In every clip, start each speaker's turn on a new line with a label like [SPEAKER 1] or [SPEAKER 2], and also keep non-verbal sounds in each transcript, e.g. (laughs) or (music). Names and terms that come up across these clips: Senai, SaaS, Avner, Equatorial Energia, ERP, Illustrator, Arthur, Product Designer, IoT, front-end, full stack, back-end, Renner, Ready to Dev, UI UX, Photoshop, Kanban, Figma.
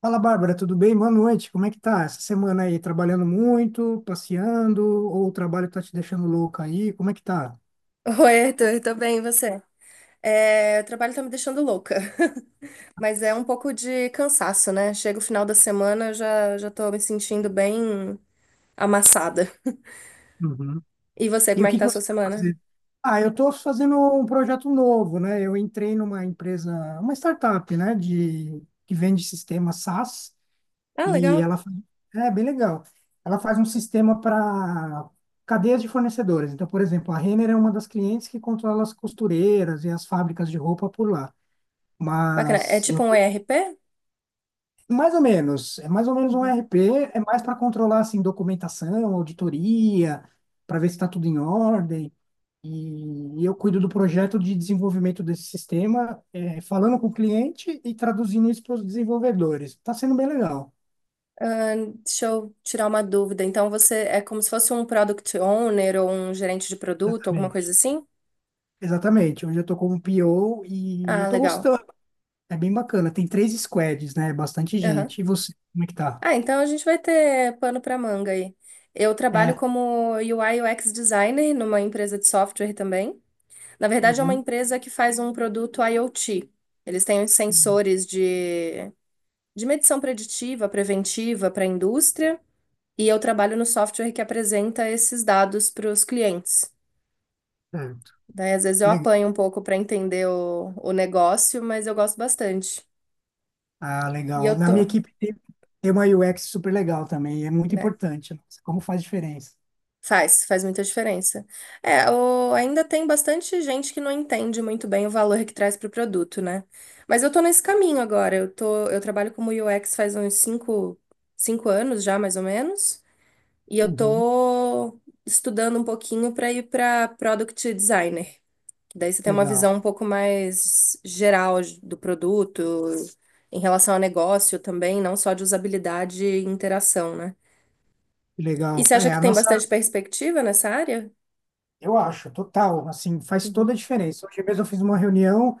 [SPEAKER 1] Fala, Bárbara, tudo bem? Boa noite. Como é que tá essa semana aí? Trabalhando muito, passeando, ou o trabalho tá te deixando louca aí? Como é que tá?
[SPEAKER 2] Oi, Arthur, tô bem, e você? É, o trabalho tá me deixando louca, (laughs) mas é um pouco de cansaço, né? Chega o final da semana, eu já tô me sentindo bem amassada.
[SPEAKER 1] Uhum.
[SPEAKER 2] E você,
[SPEAKER 1] E
[SPEAKER 2] como
[SPEAKER 1] o
[SPEAKER 2] é que
[SPEAKER 1] que que
[SPEAKER 2] tá a sua
[SPEAKER 1] você tá
[SPEAKER 2] semana?
[SPEAKER 1] fazendo? Ah, eu tô fazendo um projeto novo, né? Eu entrei numa empresa, uma startup, né, de que vende sistema SaaS
[SPEAKER 2] Ah,
[SPEAKER 1] e
[SPEAKER 2] legal,
[SPEAKER 1] é bem legal. Ela faz um sistema para cadeias de fornecedores. Então, por exemplo, a Renner é uma das clientes que controla as costureiras e as fábricas de roupa por lá.
[SPEAKER 2] bacana. É
[SPEAKER 1] Mas
[SPEAKER 2] tipo
[SPEAKER 1] eu.
[SPEAKER 2] um ERP?
[SPEAKER 1] Mais ou menos, é mais ou menos um E
[SPEAKER 2] Uhum.
[SPEAKER 1] R P, é mais para controlar assim documentação, auditoria, para ver se está tudo em ordem. E eu cuido do projeto de desenvolvimento desse sistema, é, falando com o cliente e traduzindo isso para os desenvolvedores. Está sendo bem legal.
[SPEAKER 2] Ah, deixa eu tirar uma dúvida. Então, você é como se fosse um product owner ou um gerente de produto, alguma coisa
[SPEAKER 1] Exatamente.
[SPEAKER 2] assim?
[SPEAKER 1] Exatamente, hoje eu tô como P O e
[SPEAKER 2] Ah,
[SPEAKER 1] eu tô
[SPEAKER 2] legal.
[SPEAKER 1] gostando. É bem bacana. Tem três squads, né? Bastante gente. E você, como é que tá?
[SPEAKER 2] Ah, então a gente vai ter pano para manga aí. Eu trabalho
[SPEAKER 1] É.
[SPEAKER 2] como UI UX designer numa empresa de software também. Na verdade, é uma
[SPEAKER 1] Uhum.
[SPEAKER 2] empresa que faz um produto IoT. Eles têm uns
[SPEAKER 1] Uhum.
[SPEAKER 2] sensores de medição preditiva, preventiva para a indústria, e eu trabalho no software que apresenta esses dados para os clientes.
[SPEAKER 1] Certo.
[SPEAKER 2] Daí, às vezes,
[SPEAKER 1] Que
[SPEAKER 2] eu
[SPEAKER 1] legal.
[SPEAKER 2] apanho um pouco para entender o negócio, mas eu gosto bastante.
[SPEAKER 1] Ah,
[SPEAKER 2] E
[SPEAKER 1] legal.
[SPEAKER 2] eu
[SPEAKER 1] Na
[SPEAKER 2] tô,
[SPEAKER 1] minha equipe tem, tem uma UX super legal também, é muito
[SPEAKER 2] né?
[SPEAKER 1] importante. Nossa, como faz diferença.
[SPEAKER 2] Faz, faz muita diferença. É, ainda tem bastante gente que não entende muito bem o valor que traz para o produto, né? Mas eu tô nesse caminho agora. Eu trabalho como UX faz uns cinco anos já, mais ou menos. E eu
[SPEAKER 1] Uhum.
[SPEAKER 2] tô estudando um pouquinho para ir para Product Designer. Daí você tem uma
[SPEAKER 1] Legal,
[SPEAKER 2] visão um pouco mais geral do produto, em relação ao negócio também, não só de usabilidade e interação, né? E
[SPEAKER 1] legal.
[SPEAKER 2] você acha
[SPEAKER 1] É,
[SPEAKER 2] que
[SPEAKER 1] a
[SPEAKER 2] tem
[SPEAKER 1] nossa,
[SPEAKER 2] bastante perspectiva nessa área?
[SPEAKER 1] eu acho, total, assim, faz toda
[SPEAKER 2] Uhum.
[SPEAKER 1] a diferença. Hoje mesmo eu fiz uma reunião.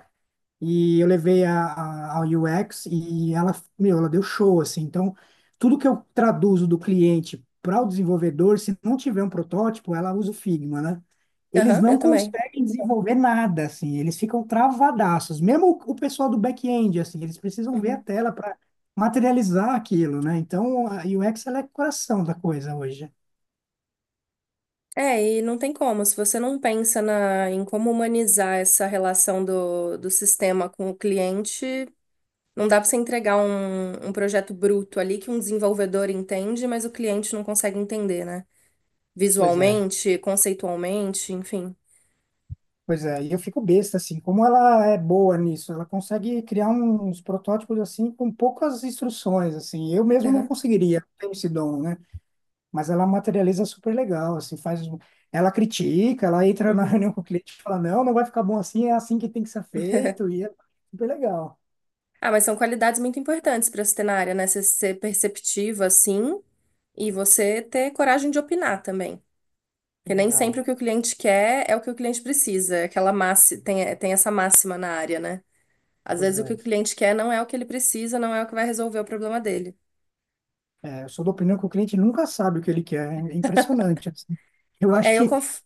[SPEAKER 1] E eu levei ao UX e ela, meu, ela deu show, assim. Então, tudo que eu traduzo do cliente para o desenvolvedor, se não tiver um protótipo, ela usa o Figma, né? Eles
[SPEAKER 2] Aham, eu
[SPEAKER 1] não
[SPEAKER 2] também.
[SPEAKER 1] conseguem desenvolver nada, assim. Eles ficam travadaços. Mesmo o pessoal do back-end, assim, eles precisam ver a
[SPEAKER 2] Uhum.
[SPEAKER 1] tela para materializar aquilo, né? Então, a UX, ela é coração da coisa hoje.
[SPEAKER 2] É, e não tem como, se você não pensa em como humanizar essa relação do sistema com o cliente, não dá pra você entregar um projeto bruto ali que um desenvolvedor entende, mas o cliente não consegue entender, né?
[SPEAKER 1] Pois é.
[SPEAKER 2] Visualmente, conceitualmente, enfim.
[SPEAKER 1] Pois é, e eu fico besta, assim, como ela é boa nisso, ela consegue criar uns protótipos, assim, com poucas instruções, assim, eu mesmo não
[SPEAKER 2] Aham,
[SPEAKER 1] conseguiria, não tenho esse dom, né? Mas ela materializa super legal, assim, faz, ela critica, ela entra na (laughs)
[SPEAKER 2] uhum.
[SPEAKER 1] reunião com o cliente e fala, não, não vai ficar bom assim, é assim que tem que ser feito, e é super legal,
[SPEAKER 2] Ah, mas são qualidades muito importantes pra você ter na área, né? Você ser perceptiva, assim, e você ter coragem de opinar também. Porque nem sempre o
[SPEAKER 1] verdade.
[SPEAKER 2] que o cliente quer é o que o cliente precisa. É aquela máxima, tem essa máxima na área, né? Às
[SPEAKER 1] Pois
[SPEAKER 2] vezes o
[SPEAKER 1] é,
[SPEAKER 2] que o cliente quer não é o que ele precisa, não é o que vai resolver o problema dele.
[SPEAKER 1] é, eu sou da opinião que o cliente nunca sabe o que ele quer, é impressionante, assim. Eu acho
[SPEAKER 2] É,
[SPEAKER 1] que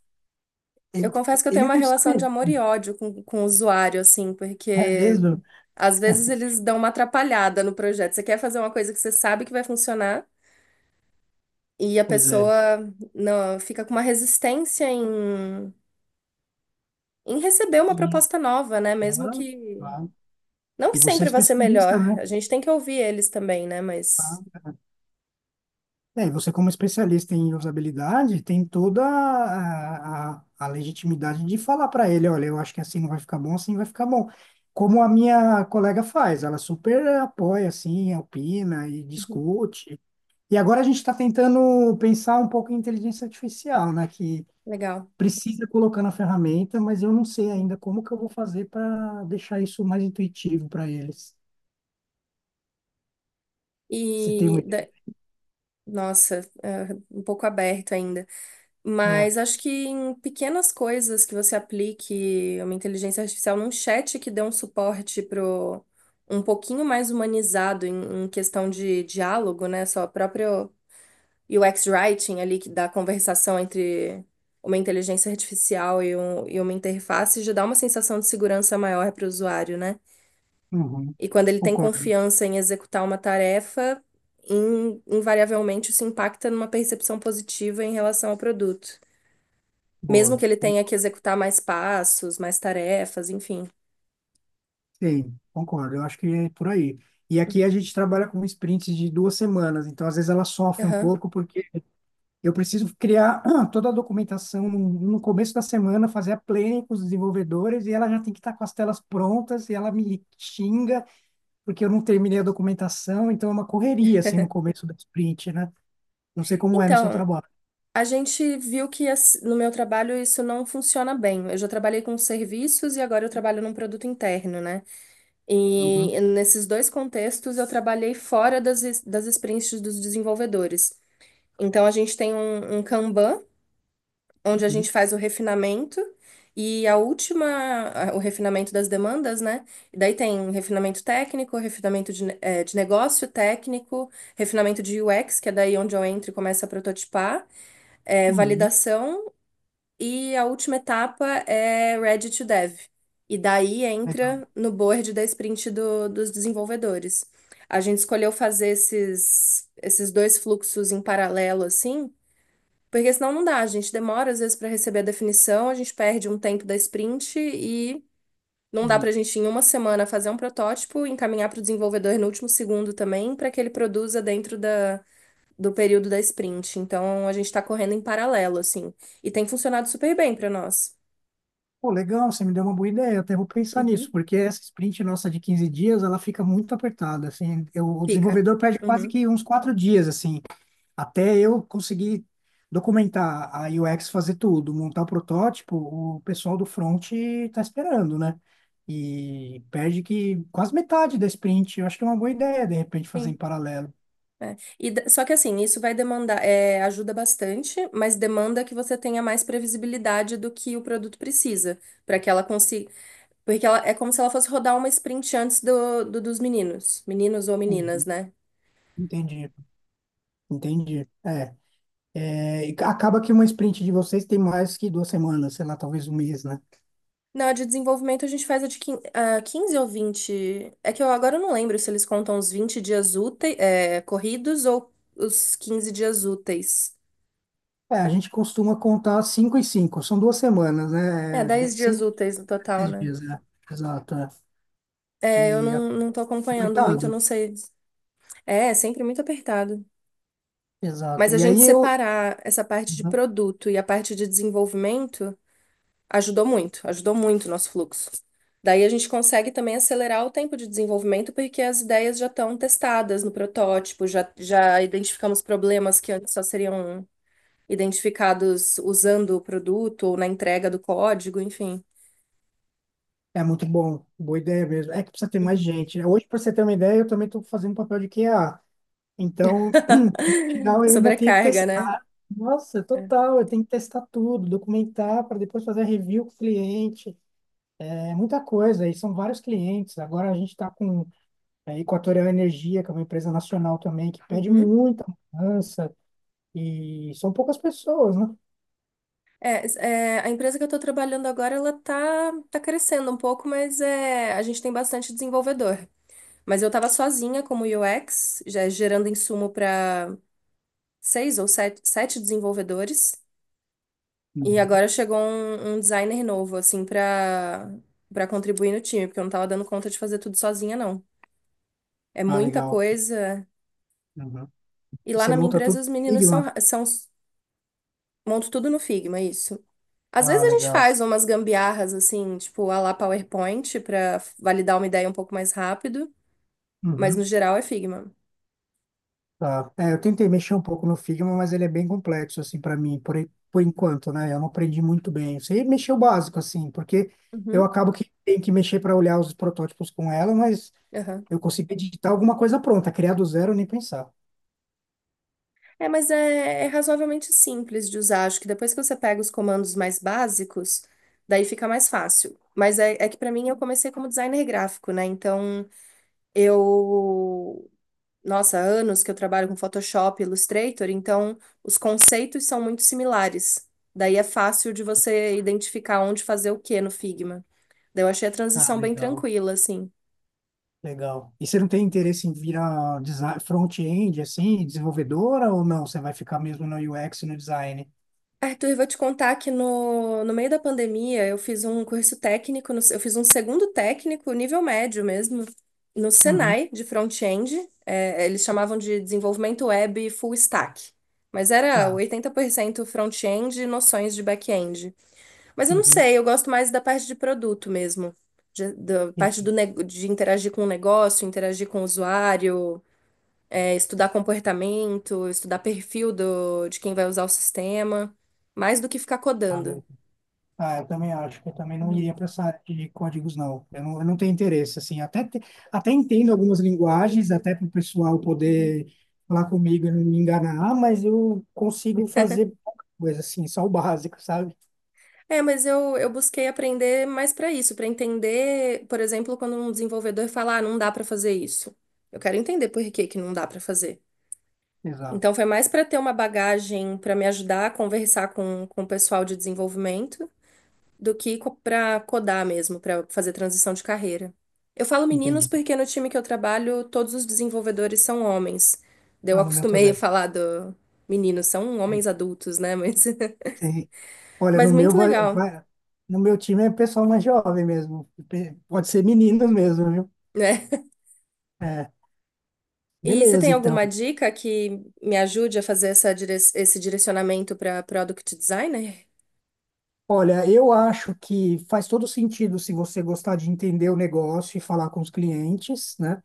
[SPEAKER 2] eu
[SPEAKER 1] ele,
[SPEAKER 2] confesso que eu tenho
[SPEAKER 1] ele
[SPEAKER 2] uma
[SPEAKER 1] não
[SPEAKER 2] relação de
[SPEAKER 1] sabe,
[SPEAKER 2] amor e ódio com o usuário, assim,
[SPEAKER 1] é
[SPEAKER 2] porque
[SPEAKER 1] mesmo?
[SPEAKER 2] às vezes
[SPEAKER 1] (laughs)
[SPEAKER 2] eles dão uma atrapalhada no projeto. Você quer fazer uma coisa que você sabe que vai funcionar e a
[SPEAKER 1] Pois
[SPEAKER 2] pessoa
[SPEAKER 1] é.
[SPEAKER 2] não, fica com uma resistência em receber uma proposta nova, né? Mesmo
[SPEAKER 1] Claro,
[SPEAKER 2] que.
[SPEAKER 1] claro.
[SPEAKER 2] Não que
[SPEAKER 1] E você é
[SPEAKER 2] sempre vai ser melhor,
[SPEAKER 1] especialista, né?
[SPEAKER 2] a gente tem que ouvir eles também, né? Mas.
[SPEAKER 1] Claro. É, e você como especialista em usabilidade, tem toda a legitimidade de falar para ele, olha, eu acho que assim não vai ficar bom, assim vai ficar bom. Como a minha colega faz, ela super apoia, assim, opina e
[SPEAKER 2] Uhum,
[SPEAKER 1] discute. E agora a gente está tentando pensar um pouco em inteligência artificial, né? Que
[SPEAKER 2] legal.
[SPEAKER 1] precisa colocar na ferramenta, mas eu não sei
[SPEAKER 2] Uhum.
[SPEAKER 1] ainda como que eu vou fazer para deixar isso mais intuitivo para eles. Você tem uma
[SPEAKER 2] E da-
[SPEAKER 1] ideia?
[SPEAKER 2] nossa, um pouco aberto ainda.
[SPEAKER 1] É.
[SPEAKER 2] Mas acho que em pequenas coisas que você aplique uma inteligência artificial num chat que dê um suporte pro um pouquinho mais humanizado em questão de diálogo, né? Só o próprio UX writing ali que dá conversação entre uma inteligência artificial e uma interface já dá uma sensação de segurança maior para o usuário, né?
[SPEAKER 1] Uhum.
[SPEAKER 2] E quando ele tem
[SPEAKER 1] Concordo,
[SPEAKER 2] confiança em executar uma tarefa, invariavelmente isso impacta numa percepção positiva em relação ao produto. Mesmo
[SPEAKER 1] boa.
[SPEAKER 2] que ele tenha que executar mais passos, mais tarefas, enfim.
[SPEAKER 1] Sim, concordo, eu acho que é por aí. E aqui a gente trabalha com sprints de duas semanas, então às vezes ela sofre um
[SPEAKER 2] Aham.
[SPEAKER 1] pouco, porque eu preciso criar toda a documentação no começo da semana, fazer a planning com os desenvolvedores, e ela já tem que estar com as telas prontas, e ela me xinga porque eu não terminei a documentação, então é uma correria, assim, no começo da sprint, né? Não sei como é no seu
[SPEAKER 2] Então,
[SPEAKER 1] trabalho.
[SPEAKER 2] a gente viu que no meu trabalho isso não funciona bem. Eu já trabalhei com serviços e agora eu trabalho num produto interno, né?
[SPEAKER 1] Uhum,
[SPEAKER 2] E nesses dois contextos eu trabalhei fora das sprints dos desenvolvedores. Então, a gente tem um Kanban onde a gente
[SPEAKER 1] uhum,
[SPEAKER 2] faz o refinamento e o refinamento das demandas, né? E daí tem refinamento técnico, refinamento de negócio técnico, refinamento de UX, que é daí onde eu entro e começo a prototipar,
[SPEAKER 1] uhum.
[SPEAKER 2] validação e a última etapa é Ready to Dev. E daí
[SPEAKER 1] Legal.
[SPEAKER 2] entra no board da sprint dos desenvolvedores. A gente escolheu fazer esses dois fluxos em paralelo, assim, porque senão não dá, a gente demora às vezes para receber a definição, a gente perde um tempo da sprint e não dá para a gente em uma semana fazer um protótipo, encaminhar para o desenvolvedor no último segundo também, para que ele produza dentro do período da sprint. Então a gente está correndo em paralelo, assim. E tem funcionado super bem para nós.
[SPEAKER 1] Pô, legal, você me deu uma boa ideia, até vou pensar nisso,
[SPEAKER 2] Uhum.
[SPEAKER 1] porque essa sprint nossa de 15 dias, ela fica muito apertada, assim, o
[SPEAKER 2] Fica.
[SPEAKER 1] desenvolvedor perde quase
[SPEAKER 2] Uhum.
[SPEAKER 1] que uns 4 dias, assim, até eu conseguir documentar a UX, fazer tudo, montar o protótipo, o pessoal do front tá esperando, né? E perde que quase metade da sprint, eu acho que é uma boa ideia, de repente, fazer em
[SPEAKER 2] Sim.
[SPEAKER 1] paralelo.
[SPEAKER 2] É. Só que assim, isso vai demandar, ajuda bastante, mas demanda que você tenha mais previsibilidade do que o produto precisa para que ela consiga. Porque ela, é como se ela fosse rodar uma sprint antes dos meninos. Meninos ou meninas,
[SPEAKER 1] Uhum.
[SPEAKER 2] né?
[SPEAKER 1] Entendi, entendi, é. É, e acaba que uma sprint de vocês tem mais que duas semanas, sei lá, talvez um mês, né?
[SPEAKER 2] Na de desenvolvimento, a gente faz a 15 ou vinte. É que eu agora eu não lembro se eles contam os 20 dias úteis, corridos ou os 15 dias úteis.
[SPEAKER 1] É, a gente costuma contar cinco e cinco, são duas semanas,
[SPEAKER 2] É,
[SPEAKER 1] né? É,
[SPEAKER 2] 10 dias
[SPEAKER 1] Cinco,
[SPEAKER 2] úteis no total,
[SPEAKER 1] dez
[SPEAKER 2] né?
[SPEAKER 1] dias, né? Exato, é. E
[SPEAKER 2] É, eu
[SPEAKER 1] a-
[SPEAKER 2] não, não tô acompanhando muito,
[SPEAKER 1] apertado,
[SPEAKER 2] eu não sei. É sempre muito apertado.
[SPEAKER 1] exato.
[SPEAKER 2] Mas a
[SPEAKER 1] E
[SPEAKER 2] gente
[SPEAKER 1] aí eu.
[SPEAKER 2] separar essa parte de
[SPEAKER 1] Uhum.
[SPEAKER 2] produto e a parte de desenvolvimento. Ajudou muito o nosso fluxo. Daí a gente consegue também acelerar o tempo de desenvolvimento, porque as ideias já estão testadas no protótipo, já identificamos problemas que antes só seriam identificados usando o produto ou na entrega do código, enfim.
[SPEAKER 1] É muito bom, boa ideia mesmo. É que precisa ter mais
[SPEAKER 2] Uhum.
[SPEAKER 1] gente, né? Hoje, para você ter uma ideia, eu também estou fazendo um papel de QA. Então, no
[SPEAKER 2] (laughs)
[SPEAKER 1] final, eu ainda tenho que
[SPEAKER 2] Sobrecarga, né?
[SPEAKER 1] testar. Nossa, total, eu tenho que testar tudo, documentar para depois fazer a review com o cliente. É muita coisa, e são vários clientes. Agora a gente está com. É, Equatorial Energia, que é uma empresa nacional também, que pede
[SPEAKER 2] Uhum.
[SPEAKER 1] muita mudança e são poucas pessoas, né?
[SPEAKER 2] É, a empresa que eu estou trabalhando agora, ela tá crescendo um pouco, mas a gente tem bastante desenvolvedor. Mas eu estava sozinha como UX, já gerando insumo para seis ou sete desenvolvedores. E
[SPEAKER 1] Uhum.
[SPEAKER 2] agora chegou um designer novo, assim, para contribuir no time, porque eu não tava dando conta de fazer tudo sozinha, não. É
[SPEAKER 1] Ah,
[SPEAKER 2] muita
[SPEAKER 1] legal.
[SPEAKER 2] coisa.
[SPEAKER 1] Uhum.
[SPEAKER 2] E
[SPEAKER 1] E
[SPEAKER 2] lá
[SPEAKER 1] você
[SPEAKER 2] na minha
[SPEAKER 1] monta
[SPEAKER 2] empresa,
[SPEAKER 1] tudo
[SPEAKER 2] os
[SPEAKER 1] em
[SPEAKER 2] meninos
[SPEAKER 1] Figma?
[SPEAKER 2] montam tudo no Figma, isso. Às vezes
[SPEAKER 1] Ah,
[SPEAKER 2] a gente
[SPEAKER 1] legal.
[SPEAKER 2] faz umas gambiarras, assim, tipo, à la PowerPoint, para validar uma ideia um pouco mais rápido, mas no
[SPEAKER 1] Uhum.
[SPEAKER 2] geral é Figma.
[SPEAKER 1] Tá. É, eu tentei mexer um pouco no Figma, mas ele é bem complexo, assim, para mim, por, por enquanto, né? Eu não aprendi muito bem. Eu sei mexer o básico, assim, porque eu
[SPEAKER 2] Uhum.
[SPEAKER 1] acabo que tenho que mexer para olhar os protótipos com ela, mas
[SPEAKER 2] Aham.
[SPEAKER 1] eu consigo editar alguma coisa pronta, criar do zero, nem pensar.
[SPEAKER 2] É, mas é razoavelmente simples de usar. Acho que depois que você pega os comandos mais básicos, daí fica mais fácil. Mas é que pra mim eu comecei como designer gráfico, né? Então eu. Nossa, há anos que eu trabalho com Photoshop, Illustrator, então os conceitos são muito similares. Daí é fácil de você identificar onde fazer o que no Figma. Daí eu achei a
[SPEAKER 1] Ah,
[SPEAKER 2] transição bem
[SPEAKER 1] legal.
[SPEAKER 2] tranquila, assim.
[SPEAKER 1] Legal. E você não tem interesse em virar front-end, assim, desenvolvedora ou não? Você vai ficar mesmo no UX e no design?
[SPEAKER 2] Arthur, eu vou te contar que no meio da pandemia eu fiz um curso técnico, eu fiz um segundo técnico, nível médio mesmo, no
[SPEAKER 1] Uhum.
[SPEAKER 2] Senai, de front-end. É, eles chamavam de desenvolvimento web full stack. Mas era
[SPEAKER 1] Tá.
[SPEAKER 2] 80% front-end e noções de back-end. Mas eu não
[SPEAKER 1] Uhum,
[SPEAKER 2] sei, eu gosto mais da parte de produto mesmo. Da parte
[SPEAKER 1] entendi.
[SPEAKER 2] de interagir com o negócio, interagir com o usuário, estudar comportamento, estudar perfil de quem vai usar o sistema, mais do que ficar
[SPEAKER 1] Ah,
[SPEAKER 2] codando.
[SPEAKER 1] eu ah, eu também acho que eu também não
[SPEAKER 2] Uhum,
[SPEAKER 1] iria para essa área de códigos, não. Eu não tenho interesse, assim. Até, até entendo algumas linguagens, até para o pessoal
[SPEAKER 2] uhum.
[SPEAKER 1] poder falar comigo e não me enganar, mas eu consigo fazer pouca coisa, assim, só o básico, sabe?
[SPEAKER 2] É, mas eu busquei aprender mais para isso, para entender, por exemplo, quando um desenvolvedor fala, ah, não dá para fazer isso. Eu quero entender por que que não dá para fazer.
[SPEAKER 1] Exato,
[SPEAKER 2] Então foi mais para ter uma bagagem para me ajudar a conversar com o pessoal de desenvolvimento do que para codar mesmo, para fazer transição de carreira. Eu falo meninos
[SPEAKER 1] entendi.
[SPEAKER 2] porque no time que eu trabalho, todos os desenvolvedores são homens. Daí eu
[SPEAKER 1] Ah, no meu
[SPEAKER 2] acostumei a
[SPEAKER 1] também.
[SPEAKER 2] falar do meninos, são
[SPEAKER 1] É,
[SPEAKER 2] homens adultos, né? Mas, (laughs)
[SPEAKER 1] tem-. Olha, no
[SPEAKER 2] mas
[SPEAKER 1] meu
[SPEAKER 2] muito
[SPEAKER 1] vai,
[SPEAKER 2] legal,
[SPEAKER 1] no meu time é pessoal mais jovem mesmo. Pode ser meninos mesmo, viu?
[SPEAKER 2] né?
[SPEAKER 1] É,
[SPEAKER 2] E você
[SPEAKER 1] beleza,
[SPEAKER 2] tem
[SPEAKER 1] então.
[SPEAKER 2] alguma dica que me ajude a fazer esse direcionamento para product designer?
[SPEAKER 1] Olha, eu acho que faz todo sentido se você gostar de entender o negócio e falar com os clientes, né?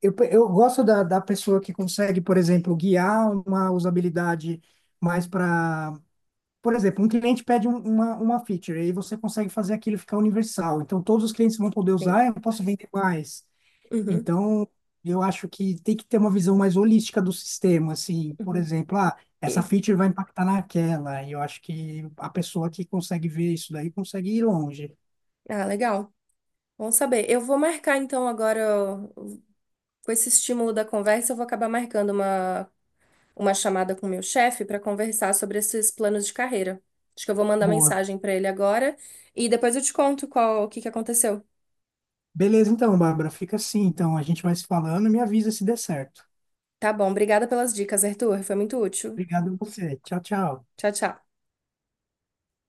[SPEAKER 1] Eu gosto da pessoa que consegue, por exemplo, guiar uma usabilidade mais para. Por exemplo, um cliente pede uma feature e você consegue fazer aquilo ficar universal. Então, todos os clientes vão poder
[SPEAKER 2] Sim.
[SPEAKER 1] usar, eu posso vender mais.
[SPEAKER 2] Uhum,
[SPEAKER 1] Então, eu acho que tem que ter uma visão mais holística do sistema, assim, por
[SPEAKER 2] uhum.
[SPEAKER 1] exemplo, ah, essa
[SPEAKER 2] E-
[SPEAKER 1] feature vai impactar naquela, e eu acho que a pessoa que consegue ver isso daí consegue ir longe.
[SPEAKER 2] ah, legal. Bom saber. Eu vou marcar então agora, ó, com esse estímulo da conversa, eu vou acabar marcando uma chamada com o meu chefe para conversar sobre esses planos de carreira. Acho que eu vou mandar
[SPEAKER 1] Boa.
[SPEAKER 2] mensagem para ele agora e depois eu te conto o que que aconteceu.
[SPEAKER 1] Beleza, então, Bárbara, fica assim, então, a gente vai se falando e me avisa se der certo.
[SPEAKER 2] Tá bom, obrigada pelas dicas, Arthur. Foi muito útil.
[SPEAKER 1] Obrigado a você. Tchau, tchau.
[SPEAKER 2] Tchau, tchau.